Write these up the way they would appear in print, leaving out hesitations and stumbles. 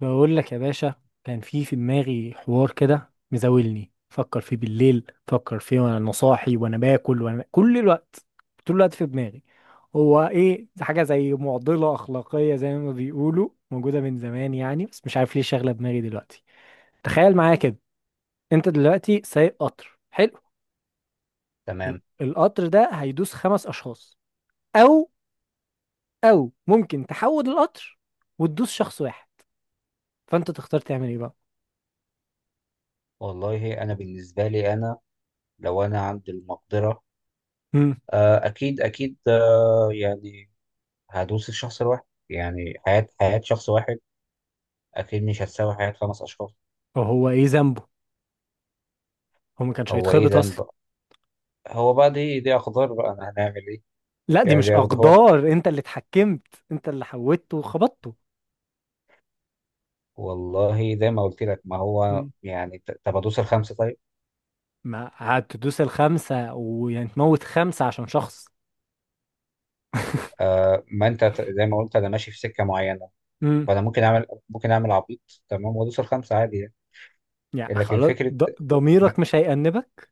بقول لك يا باشا. كان في دماغي حوار كده مزاولني، فكر فيه بالليل، فكر فيه وانا صاحي وانا باكل وانا كل الوقت، طول الوقت في دماغي. هو ايه ده؟ حاجه زي معضله اخلاقيه زي ما بيقولوا موجوده من زمان يعني، بس مش عارف ليه شاغله دماغي دلوقتي. تخيل معايا كده. انت دلوقتي سايق قطر، حلو. تمام. القطر ده هيدوس 5 اشخاص، او ممكن تحود القطر وتدوس شخص واحد. فانت تختار تعمل ايه بقى؟ والله انا بالنسبه لي انا، لو انا عندي المقدره امم. اكيد اكيد، يعني هدوس الشخص الواحد. يعني حياه شخص واحد اكيد مش هتساوي حياه خمس اشخاص. وهو ايه ذنبه؟ هو ما كانش هو ايه هيتخبط ذنب اصلا. بقى؟ هو بقى دي اقدار، بقى انا هنعمل ايه؟ لا، دي يعني مش دي اقدار. هو اقدار، انت اللي اتحكمت، انت اللي حودته وخبطته. والله زي ما قلت لك، ما هو مم. يعني، طب ادوس الخمسه طيب. ما هتدوس الخمسه ويعني تموت 5 عشان شخص. آه، ما انت زي ما قلت، انا ماشي في سكه معينه. امم. فانا ممكن اعمل عبيط، تمام، وادوس الخمسه عادي يعني. يعني لكن خلاص، فكره، ضميرك مش هيأنبك.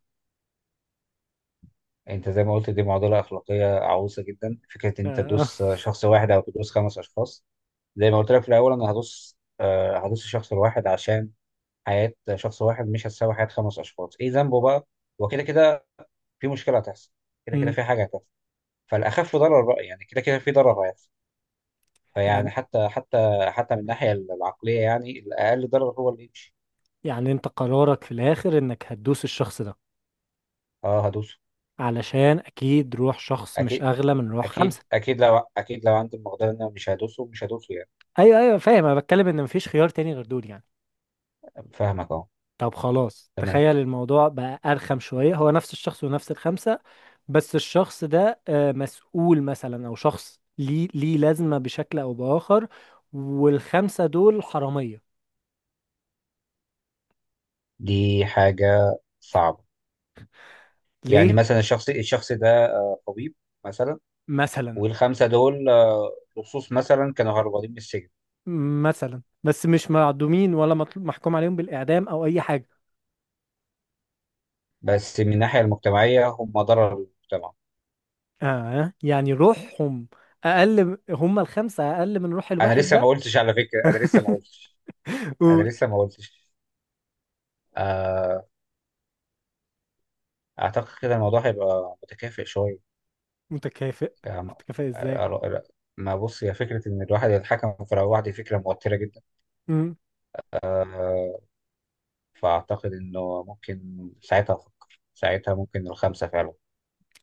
انت زي ما قلت، دي معضله اخلاقيه عويصه جدا، فكره ان انت آه. تدوس شخص واحد او تدوس خمس اشخاص. زي ما قلت لك في الاول، انا هدوس الشخص الواحد، عشان حياه شخص واحد مش هتساوي حياه خمس اشخاص. ايه ذنبه بقى؟ وكده كده في مشكله هتحصل، كده كده مم. في حاجه هتحصل. فالاخف ضرر بقى، يعني كده كده في ضرر هيحصل. فيعني يعني حتى من الناحيه العقليه، يعني الاقل ضرر هو اللي يمشي. يعني انت قرارك في الاخر انك هتدوس الشخص ده، اه، هدوسه. علشان اكيد روح شخص مش اكيد، اغلى من روح اكيد، 5. اكيد لو عندي المقدره، ان انا مش هدوسه، مش هدوسه يعني. ايوه، ايوه، فاهم. انا بتكلم ان مفيش خيار تاني غير دول يعني. فاهمك اهو. طب خلاص، تمام. تخيل الموضوع بقى أرخم شوية. هو نفس الشخص ونفس الخمسة، بس الشخص ده مسؤول مثلا، أو شخص ليه لازمة بشكل أو بآخر، والخمسة دول حرامية. دي حاجة صعبة. يعني ليه؟ مثلا الشخص ده طبيب مثلا. مثلا. والخمسة دول لصوص مثلا، كانوا هربانين من السجن. مثلا، بس مش معدومين ولا مطلوب محكوم عليهم بالإعدام أو أي حاجة. بس من الناحية المجتمعية هم ضرر للمجتمع. آه، يعني روحهم أقل، هم الخمسة أقل من روح أنا الواحد لسه ما ده. قلتش، على فكرة. أنا لسه ما قلتش. أنا قول. لسه ما قلتش. آه، أعتقد كده الموضوع هيبقى متكافئ شوية. متكافئ. يعني متكافئ إزاي؟ آه، ما بص، هي فكرة إن الواحد يتحكم في رأي واحد دي فكرة موترة جدا. آه، فأعتقد إنه ممكن ساعتها أفكر، ساعتها ممكن الخمسة فعلا.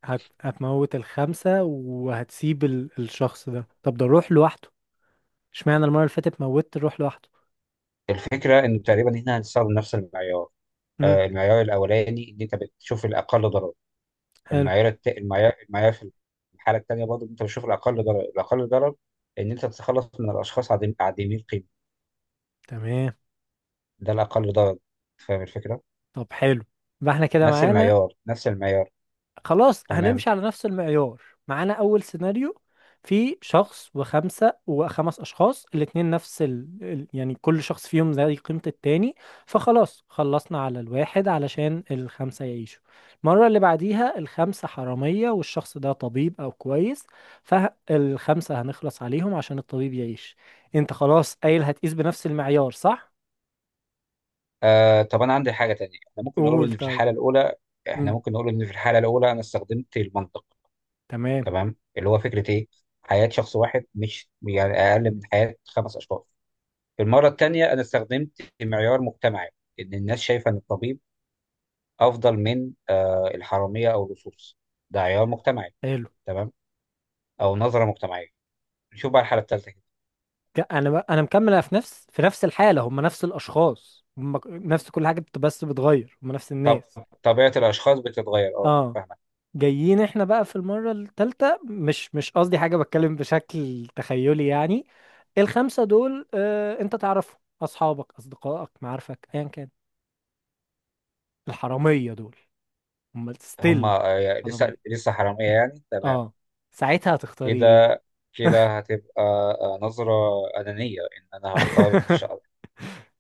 هتموت الخمسة وهتسيب الشخص ده. طب ده روح لوحده، اشمعنى المرة اللي فاتت موتت روح لوحده. الفكرة إنه تقريبا إحنا هنستخدم نفس المعيار. امم. المعيار الأولاني إن أنت بتشوف الأقل ضرر. حلو. المعيار في الحالة التانية برضه أنت بتشوف الأقل ضرر، إن أنت تتخلص من الأشخاص عديمي القيمة. تمام. ده الأقل ضرر. فاهم الفكرة؟ طب حلو، يبقى احنا كده نفس معانا. المعيار، نفس المعيار. خلاص تمام. هنمشي على نفس المعيار. معانا اول سيناريو، في شخص وخمسة وخمس اشخاص الاتنين نفس يعني كل شخص فيهم زي قيمة التاني، فخلاص خلصنا على الواحد علشان الخمسة يعيشوا. المرة اللي بعديها الخمسة حرامية والشخص ده طبيب او كويس، فالخمسة هنخلص عليهم عشان الطبيب يعيش. انت خلاص قايل هتقيس بنفس المعيار، صح؟ آه، طب أنا عندي حاجة تانية. إحنا ممكن نقول قول إن في طيب. الحالة الأولى إحنا امم. ممكن نقول إن في الحالة الأولى أنا استخدمت المنطق. تمام. تمام، اللي هو فكرة إيه؟ حياة شخص واحد مش يعني أقل من حياة خمس أشخاص. المرة التانية أنا استخدمت معيار مجتمعي، إن الناس شايفة إن الطبيب أفضل من الحرامية أو اللصوص. ده عيار مجتمعي. حلو. تمام، أو نظرة مجتمعية. نشوف بقى الحالة التالتة كده. انا مكمله في نفس الحاله، هم نفس الاشخاص، هم نفس كل حاجه، بس بتغير، هم نفس طب، الناس. طبيعة الأشخاص بتتغير. أه، اه. فاهمك. جايين احنا بقى في المره الثالثه، مش قصدي حاجه، بتكلم بشكل تخيلي يعني. الخمسه دول، انت تعرفهم، اصحابك اصدقائك معارفك ايا كان. الحراميه دول هم ستيل، هما لسه حراميه. لسه حرامية يعني، تمام. اه. ساعتها هتختاري. كده إيه؟ كده هتبقى نظرة أنانية، إن أنا هختار، إن شاء الله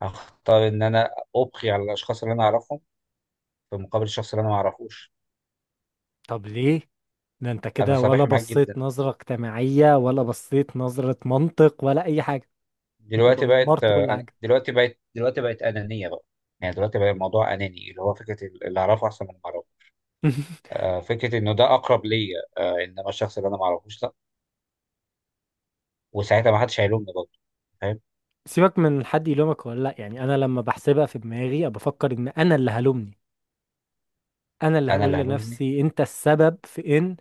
هختار، إن أنا أبقي على الأشخاص اللي أنا أعرفهم، في مقابل الشخص اللي أنا ما أعرفوش. طب ليه؟ ده انت أنا كده ولا صريح معاك بصيت جدا. نظرة اجتماعية، ولا بصيت نظرة منطق، ولا اي حاجة؟ انت دلوقتي بقت دمرت كل آه، حاجة. دلوقتي بقت دلوقتي بقت أنانية بقى. يعني دلوقتي بقى الموضوع أناني، اللي هو فكرة اللي أعرفه أحسن من اللي أعرفه. فكرة إنه ده أقرب ليا. إنما الشخص اللي أنا ما أعرفوش، لأ. وساعتها ما حدش هيلومني برضه، فاهم؟ سيبك من حد يلومك ولا لا، يعني انا لما بحسبها في دماغي أنا بفكر ان انا اللي هلومني، انا اللي أنا هقول اللي هلومني. لنفسي انت السبب في ان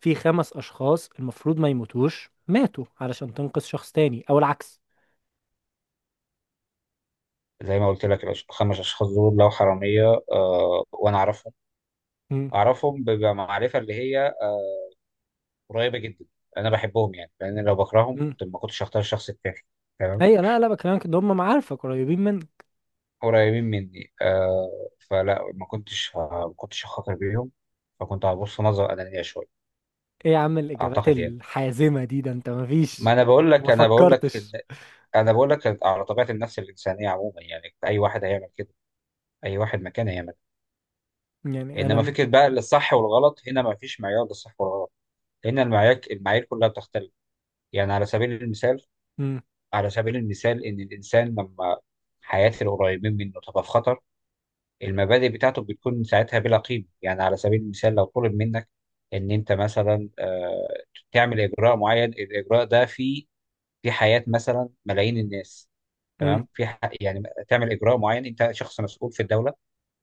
في خمس اشخاص المفروض ما يموتوش ماتوا علشان تنقذ شخص تاني او العكس. زي ما قلت لك، الخمس أشخاص دول لو حرامية، وأنا أعرفهم مم. أعرفهم بمعرفة اللي هي قريبة جدا. أنا بحبهم يعني، لأن لو بكرههم مم. كنت ما كنتش هختار الشخص التاني. تمام. ايوه، لا، لا، بكلمك ان هم معارفك قريبين منك. قريبين مني، فلا ما كنتش هخاطر بيهم. فكنت هبص نظرة أنانية شوية. ايه يا عم الاجابات أعتقد يعني، الحازمة دي؟ ده انت ما ما فيش أنا انت بقول ما لك أنا بقول لك إن فكرتش أنا بقول لك على طبيعة النفس الإنسانية عموما. يعني أي واحد هيعمل كده، أي واحد مكان هيعمل كده. يعني إنما انا. فكرة بقى الصح والغلط، هنا ما فيش معيار للصح والغلط، لأن المعايير كلها بتختلف. يعني على سبيل المثال مم. على سبيل المثال إن الإنسان لما حياة القريبين منه تبقى في خطر، المبادئ بتاعته بتكون ساعتها بلا قيمة. يعني على سبيل المثال، لو طلب منك إن أنت مثلا تعمل إجراء معين، الإجراء ده في حياة مثلا ملايين الناس. امم. تمام، يعني تعمل إجراء معين، أنت شخص مسؤول في الدولة،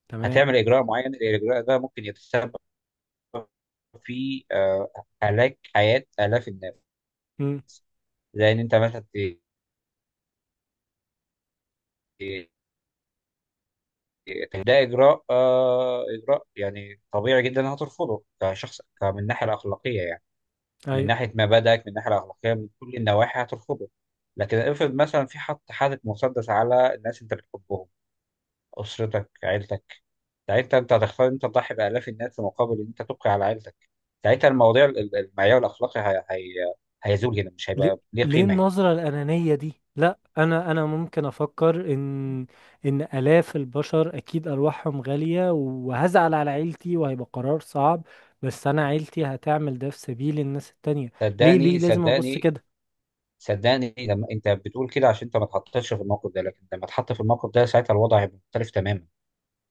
تمام. هتعمل إجراء معين، الإجراء ده ممكن يتسبب في هلاك حياة آلاف الناس. امم. زي إن أنت مثلا ده إجراء يعني طبيعي جدا، هترفضه كشخص من الناحية الأخلاقية يعني. من ايوه. ناحيه مبادئك، من الناحيه الاخلاقيه، من كل النواحي هترفضه. لكن افرض مثلا، في حاطط مسدس على الناس انت بتحبهم، اسرتك، عيلتك. ساعتها انت هتختار إن انت تضحي بالاف الناس، في مقابل ان انت تبقي على عيلتك. ساعتها المواضيع المعيار الاخلاقي هيزول هنا، مش ليه هيبقى ليه ليه قيمه هنا. النظرة الأنانية دي؟ لا، انا ممكن افكر ان آلاف البشر اكيد ارواحهم غالية، وهزعل على عيلتي وهيبقى قرار صعب، بس انا عيلتي هتعمل ده في سبيل الناس التانية. ليه صدقني، لازم ابص صدقني. كده؟ صدقني، لما انت بتقول كده عشان انت ما اتحطيتش في الموقف ده، لكن لما اتحط في الموقف ده ساعتها الوضع هيبقى مختلف تماما.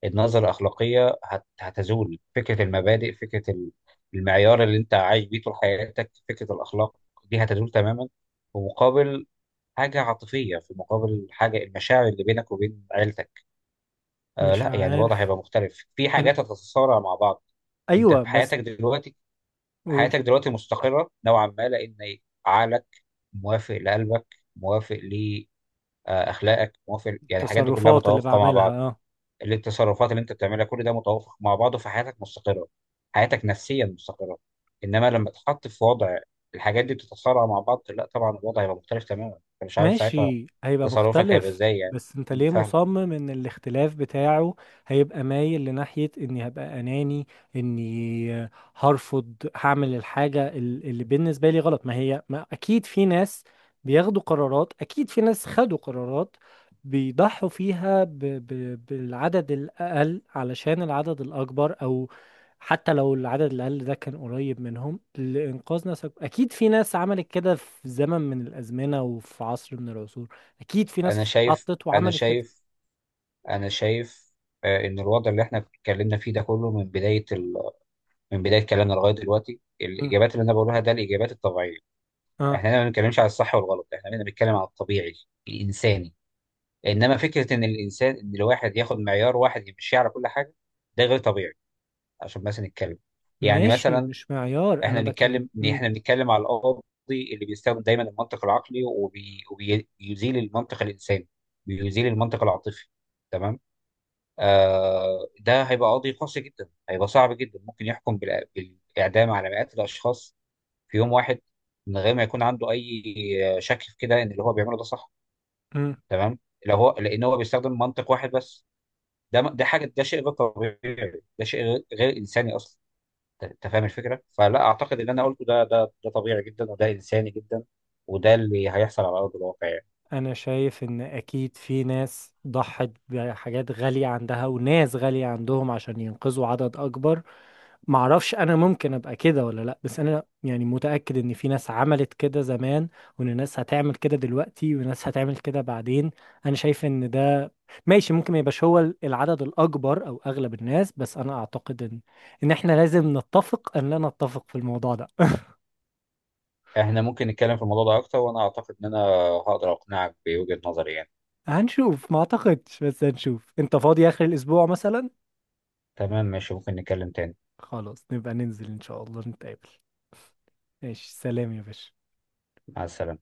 النظرة الأخلاقية هتزول، فكرة المبادئ، فكرة المعيار اللي أنت عايش بيه طول حياتك، فكرة الأخلاق دي هتزول تماما، في مقابل حاجة عاطفية، في مقابل حاجة المشاعر اللي بينك وبين عيلتك. آه، مش لا يعني الوضع عارف. هيبقى مختلف، في أنا، حاجات هتتصارع مع بعض. أنت ايوه في بس. حياتك دلوقتي قول. حياتك دلوقتي مستقرة نوعا ما، لأن عقلك موافق لقلبك، موافق لأخلاقك، موافق، يعني الحاجات دي كلها التصرفات اللي متوافقة مع بعملها، بعض. آه. التصرفات اللي انت بتعملها كل ده متوافق مع بعضه، فحياتك مستقره، حياتك نفسيا مستقره. انما لما تتحط في وضع الحاجات دي بتتصارع مع بعض، لا طبعا الوضع هيبقى مختلف تماما، انت مش عارف ساعتها ماشي، هيبقى تصرفك هيبقى مختلف. ازاي يعني. بس انت ليه فاهمك. مصمم ان الاختلاف بتاعه هيبقى مايل لناحية اني هبقى اناني، اني هرفض هعمل الحاجة اللي بالنسبة لي غلط. ما هي، ما اكيد في ناس بياخدوا قرارات، اكيد في ناس خدوا قرارات بيضحوا فيها ب ب بالعدد الاقل علشان العدد الاكبر، او حتى لو العدد الأقل ده كان قريب منهم لإنقاذ ناس أكبر. أكيد في ناس عملت كده في زمن من الأزمنة وفي عصر من العصور. أكيد في ناس انا شايف اتحطت انا وعملت كده. شايف انا شايف ان الوضع اللي احنا اتكلمنا فيه ده كله، من بدايه من بدايه كلامنا لغايه دلوقتي، مم. الاجابات اللي انا بقولها ده الاجابات الطبيعيه. آه. احنا هنا ما بنتكلمش على الصح والغلط، احنا هنا بنتكلم على الطبيعي الانساني. انما فكره ان الانسان، ان الواحد ياخد معيار واحد يمشي على كل حاجه، ده غير طبيعي. عشان بس نتكلم، يعني ماشي، مثلا مش معيار، أنا احنا بكلم. بنتكلم ان مم. احنا بنتكلم على القاضي اللي بيستخدم دايما المنطق العقلي، وبيزيل المنطق الانساني، بيزيل المنطق العاطفي. تمام. ده هيبقى قاضي قاسي جدا، هيبقى صعب جدا، ممكن يحكم بالاعدام على مئات الاشخاص في يوم واحد، من غير ما يكون عنده اي شك في كده ان اللي هو بيعمله ده صح. مم. تمام. لو هو لان هو بيستخدم منطق واحد بس. ده حاجه، ده شيء غير طبيعي، ده شيء غير انساني اصلا. انت فاهم الفكره، فلا اعتقد اللي انا قلته ده طبيعي جدا، وده انساني جدا، وده اللي هيحصل على ارض الواقع يعني. أنا شايف إن أكيد في ناس ضحت بحاجات غالية عندها وناس غالية عندهم عشان ينقذوا عدد أكبر. معرفش انا ممكن ابقى كده ولا لا، بس انا يعني متأكد ان في ناس عملت كده زمان، وان ناس هتعمل كده دلوقتي، وناس هتعمل كده بعدين. انا شايف ان ده ماشي، ممكن ما يبقاش هو العدد الاكبر او اغلب الناس، بس انا اعتقد ان احنا لازم نتفق ان لا نتفق في الموضوع ده. احنا ممكن نتكلم في الموضوع ده اكتر، وانا اعتقد ان انا هقدر اقنعك بوجهه نظري يعني. هنشوف. ما اعتقدش بس هنشوف. انت فاضي اخر الاسبوع مثلا؟ تمام، ماشي، ممكن نتكلم تاني. خلاص، نبقى ننزل ان شاء الله نتقابل. ماشي، سلام يا باشا. مع السلامه.